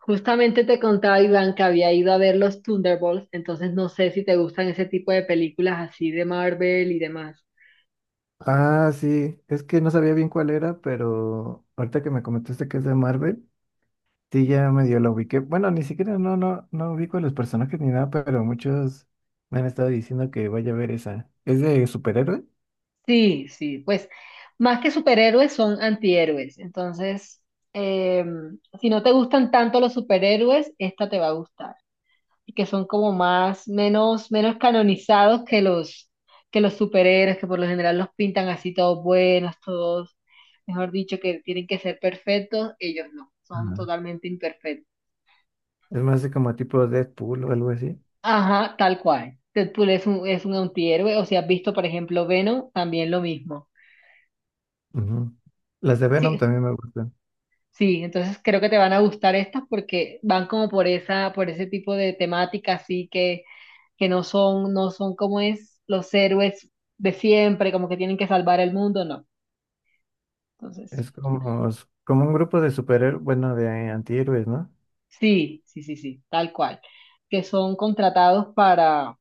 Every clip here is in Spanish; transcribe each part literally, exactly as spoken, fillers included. Justamente te contaba Iván que había ido a ver los Thunderbolts, entonces no sé si te gustan ese tipo de películas así de Marvel y demás. Ah, sí, es que no sabía bien cuál era, pero ahorita que me comentaste que es de Marvel, sí ya medio la ubiqué. Bueno, ni siquiera no, no, no ubico a los personajes ni nada, pero muchos me han estado diciendo que vaya a ver esa. ¿Es de superhéroe? Sí, sí, pues más que superhéroes son antihéroes, entonces eh, si no te gustan tanto los superhéroes, esta te va a gustar, y que son como más, menos, menos canonizados que los, que los superhéroes, que por lo general los pintan así todos buenos, todos, mejor dicho, que tienen que ser perfectos, ellos no, son Ajá. totalmente imperfectos. Es más de como tipo Deadpool o algo así. Ajá, tal cual. Deadpool es un, es un antihéroe, o si has visto, por ejemplo, Venom, también lo mismo. Ujú. Las de Venom Sí, también me gustan. sí, entonces creo que te van a gustar estas porque van como por esa, por ese tipo de temática, así que, que no son, no son como es los héroes de siempre, como que tienen que salvar el mundo, no. Entonces, Es como, como un grupo de superhéroes, bueno, de antihéroes, ¿no? sí, sí, sí, sí, tal cual. Que son contratados para.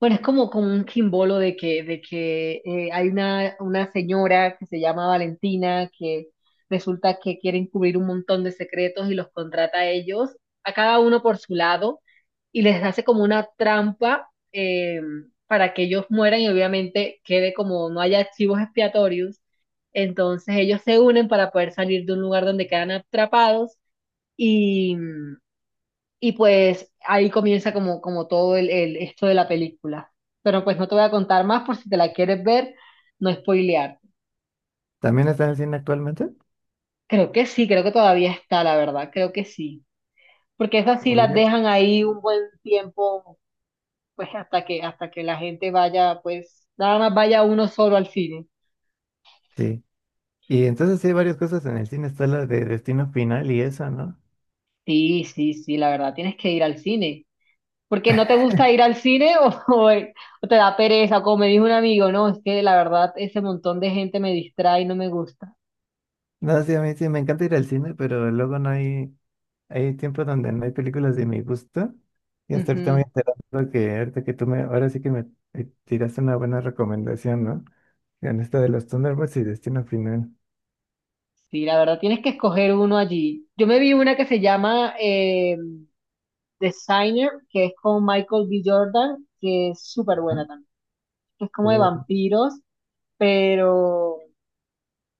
Bueno, es como, como un quimbolo de que, de que eh, hay una, una señora que se llama Valentina que resulta que quiere encubrir un montón de secretos y los contrata a ellos, a cada uno por su lado, y les hace como una trampa eh, para que ellos mueran y obviamente quede como no haya archivos expiatorios. Entonces ellos se unen para poder salir de un lugar donde quedan atrapados y, y pues ahí comienza como, como todo el, el- esto de la película. Pero pues no te voy a contar más por si te la quieres ver, no spoilear. ¿También está en el cine actualmente? Creo que sí, creo que todavía está, la verdad, creo que sí. Porque esas sí las Oye. dejan ahí un buen tiempo, pues hasta que, hasta que la gente vaya, pues nada más vaya uno solo al cine. Sí. Y entonces sí hay varias cosas en el cine. Está la de Destino Final y esa, ¿no? Sí, sí, sí, la verdad, tienes que ir al cine. Porque no te gusta ir al cine o, o, o te da pereza, como me dijo un amigo, no, es que la verdad ese montón de gente me distrae y no me gusta. No, sí, a mí sí me encanta ir al cine, pero luego no hay, hay tiempo donde no hay películas de mi gusto. Y hasta ahorita me Ujú. he enterado que ahorita que tú me, ahora sí que me eh, tiraste una buena recomendación, ¿no? En esta de los Thunderbolts y Destino Final. Sí, la verdad tienes que escoger uno allí. Yo me vi una que se llama eh, Designer, que es con Michael B. Jordan, que es súper Ajá. buena también. Es como de Oh, vampiros, pero,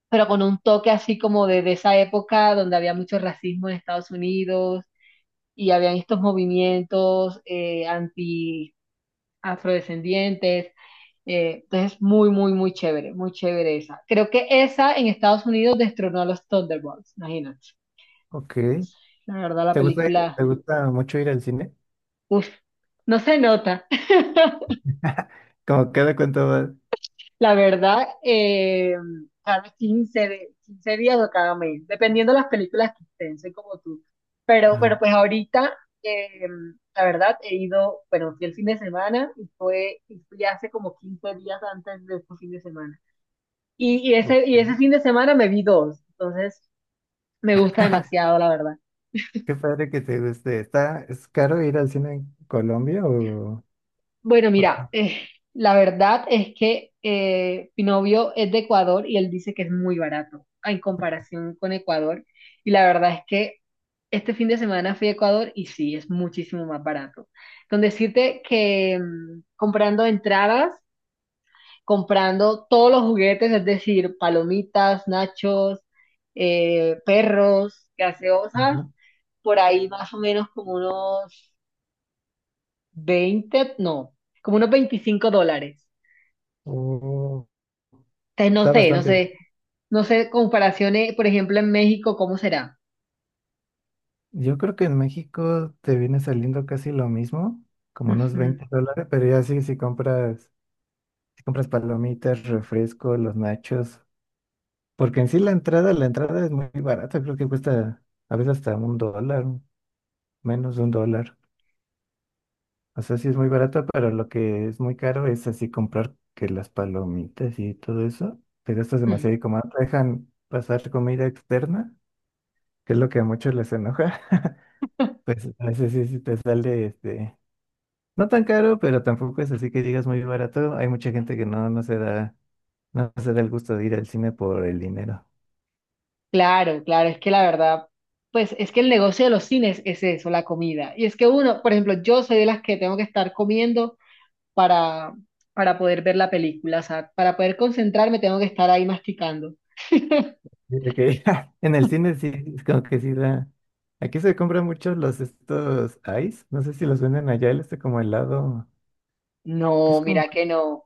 pero con un toque así como de, de esa época donde había mucho racismo en Estados Unidos y habían estos movimientos eh, anti-afrodescendientes. Eh, entonces, muy, muy, muy chévere, muy chévere esa. Creo que esa en Estados Unidos destronó a los Thunderbolts, imagínate. ok. Entonces, la verdad, la ¿Te gusta, ir- película, te gusta mucho ir al cine? uf, no se nota. Como cada cuánto vas. La verdad, eh, cada quince de- quince días o cada mes, dependiendo de las películas que estén, soy como tú. Pero, pero Ajá. pues ahorita, eh, la verdad, he ido, bueno, fui el fin de semana y fue, y fui hace como quince días antes de este fin de semana. Y, y ese, y ese Ok. fin de semana me vi dos, entonces me gusta demasiado, la verdad. Qué padre que te guste. ¿Está, es caro ir al cine en Colombia o...? Bueno, mira, eh, la verdad es que eh, mi novio es de Ecuador y él dice que es muy barato en comparación con Ecuador. Y la verdad es que este fin de semana fui a Ecuador y sí, es muchísimo más barato. Con decirte que mm, comprando entradas, comprando todos los juguetes, es decir, palomitas, nachos, eh, perros, gaseosas, Ajá. por ahí más o menos como unos veinte no, como unos veinticinco dólares. Oh, Te- No está sé, no bastante. sé, no sé comparaciones, por ejemplo, en México, ¿cómo será? Yo creo que en México te viene saliendo casi lo mismo, como unos Ujú, veinte dólares, pero ya sí, si compras, si compras palomitas, refresco, los nachos, porque en sí la entrada, la entrada es muy barata, creo que cuesta a veces hasta un dólar, menos de un dólar. O sea, sí es muy barata, pero lo que es muy caro es así comprar que las palomitas y todo eso, te gastas ujú. demasiado y como no te dejan pasar comida externa, que es lo que a muchos les enoja, pues a veces sí, sí te sale este. No tan caro, pero tampoco es así que digas muy barato. Hay mucha gente que no, no se da, no se da el gusto de ir al cine por el dinero. Claro, claro, es que la verdad, pues es que el negocio de los cines es eso, la comida. Y es que uno, por ejemplo, yo soy de las que tengo que estar comiendo para, para poder ver la película, o sea, para poder concentrarme tengo que estar ahí masticando. Yo que en el cine sí, es como que sí da. Aquí se compran mucho los estos ice. No sé si los venden allá, el este como helado. Que No, es como. mira que no.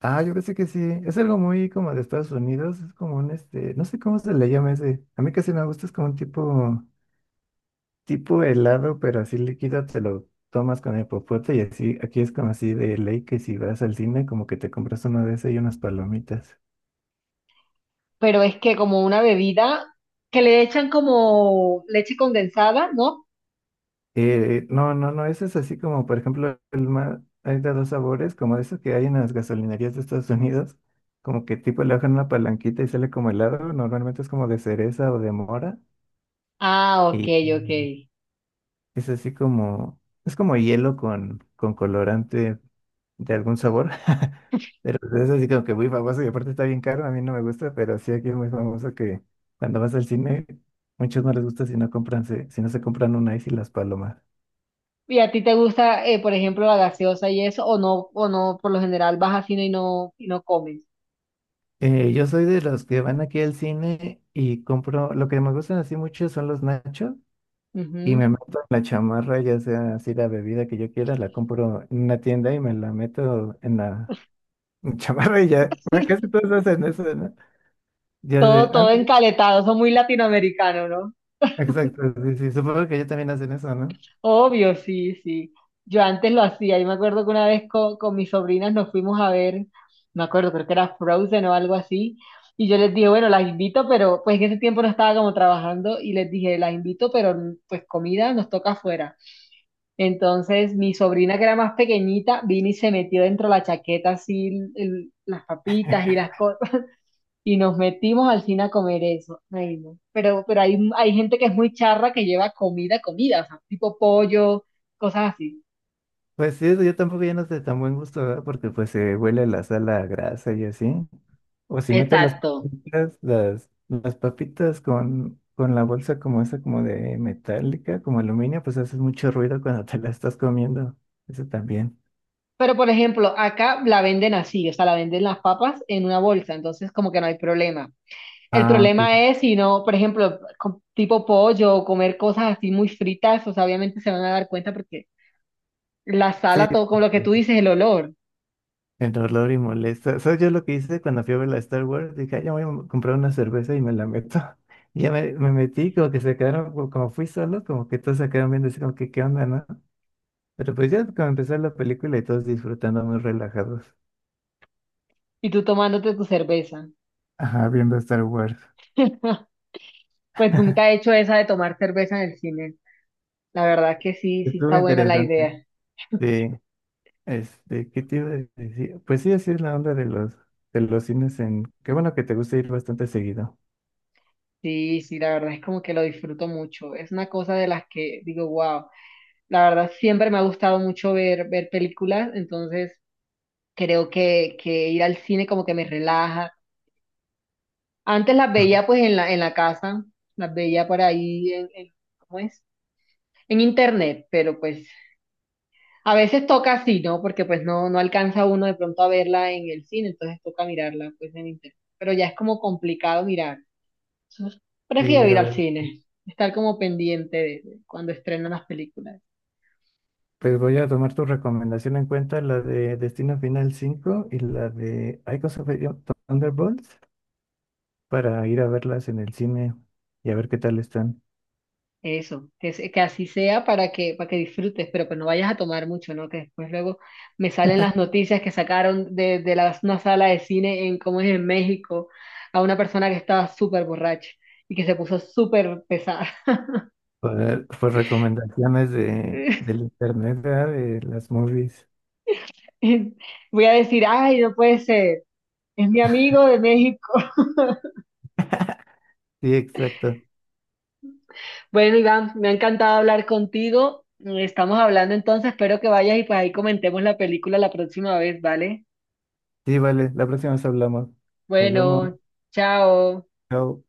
Ah, yo pensé que sí. Es algo muy como de Estados Unidos. Es como un este. No sé cómo se le llama ese. A mí casi no me gusta, es como un tipo. tipo helado, pero así líquido, te lo tomas con el popote y así, aquí es como así de ley que si vas al cine, como que te compras uno de ese y unas palomitas. Pero es que como una bebida que le echan como leche condensada, ¿no? Eh, eh, no, no, no, ese es así como, por ejemplo, el más, hay de dos sabores, como eso que hay en las gasolinerías de Estados Unidos, como que tipo le bajan una palanquita y sale como helado, normalmente es como de cereza o de mora, Ah, ok, y ok. es así como, es como hielo con, con colorante de algún sabor. Pero es así como que muy famoso y aparte está bien caro, a mí no me gusta, pero sí aquí es muy famoso que cuando vas al cine, muchos no les gusta si no compran, se- si no se compran un ice y las palomas. ¿Y a ti te gusta, eh, por ejemplo, la gaseosa y eso, o no, o no, por lo general vas a cine y no, y no comes? Eh, yo soy de los que van aquí al cine y compro, lo que me gustan así mucho son los nachos y me Ujú. meto en la chamarra, ya sea así la bebida que yo quiera, la compro en una tienda y me la meto en la chamarra y ya, bueno, casi todos hacen eso, ¿no? Ya de, Todo, todo antes, encaletado, son muy latinoamericanos, ¿no? exacto, sí, sí, supongo que ya también hacen eso, ¿no? Obvio, sí, sí. Yo antes lo hacía, yo me acuerdo que una vez co- con, mis sobrinas nos fuimos a ver, me acuerdo, creo que era Frozen o algo así, y yo les dije, bueno, las invito, pero pues en ese tiempo no estaba como trabajando, y les dije, las invito, pero pues comida nos toca afuera. Entonces, mi sobrina que era más pequeñita vino y se metió dentro de la chaqueta así el- el- las papitas y las cosas y nos metimos al cine a comer eso. Ay, no. Pero, pero hay, hay gente que es muy charra que lleva comida, comida, o sea, tipo pollo, cosas así. Pues sí, eso yo tampoco ya no sé tan buen gusto, ¿verdad? Porque pues se huele la sal a grasa y así. O si metes las Exacto. papitas, las, las papitas con, con la bolsa como esa, como de metálica, como aluminio, pues haces mucho ruido cuando te la estás comiendo. Eso también. Pero por ejemplo, acá la venden así, o sea, la venden las papas en una bolsa, entonces como que no hay problema. El Ah, ok. problema es si no, por ejemplo, co- tipo pollo o comer cosas así muy fritas, o sea, obviamente se van a dar cuenta porque la Sí. sala, todo con lo que tú Sí, dices, el olor, el olor y molesta. ¿Sabes yo lo que hice cuando fui a ver la Star Wars? Dije, "Ay, ya voy a comprar una cerveza y me la meto." Y ya me, me metí, como que se quedaron, como como fui solo, como que todos se quedaron viendo así como que, ¿qué onda, no? Pero pues ya como empezó la película y todos disfrutando muy relajados. y tú tomándote tu cerveza. Ajá, viendo Star Wars. Pues nunca he hecho esa de tomar cerveza en el cine. La verdad que sí, sí Estuvo está buena la interesante. idea. Sí, este, ¿qué te iba a decir? Pues sí, así es la onda de los, de los cines en... Qué bueno que te gusta ir bastante seguido. Sí, sí, la verdad es como que lo disfruto mucho. Es una cosa de las que digo, wow. La verdad siempre me ha gustado mucho ver, ver películas, entonces creo que, que ir al cine como que me relaja. Antes las veía pues en la, en la casa, las veía por ahí en, en- ¿cómo es? En internet, pero pues a veces toca así, ¿no? Porque pues no, no alcanza uno de pronto a verla en el cine, entonces toca mirarla pues en internet. Pero ya es como complicado mirar. Entonces, Sí, prefiero a ir al ver, cine, estar como pendiente de, de cuando estrenan las películas. pues voy a tomar tu recomendación en cuenta, la de Destino Final cinco y la de Icons of Thunderbolts, para ir a verlas en el cine y a ver qué tal están. Eso, que, se- que así sea para que, para que disfrutes, pero pues no vayas a tomar mucho, ¿no? Que después luego me salen las noticias que sacaron de, de la- una sala de cine en, ¿cómo es? En México, a una persona que estaba súper borracha y que se puso súper pesada. Por, por recomendaciones de, del internet, ¿verdad? De las movies. Voy a decir, ay, no puede ser, es mi amigo de México. Sí, exacto. Bueno, Iván, me ha encantado hablar contigo. Estamos hablando entonces, espero que vayas y pues ahí comentemos la película la próxima vez, ¿vale? Sí, vale, la próxima vez hablamos. Nos vemos. Bueno, chao. Chao.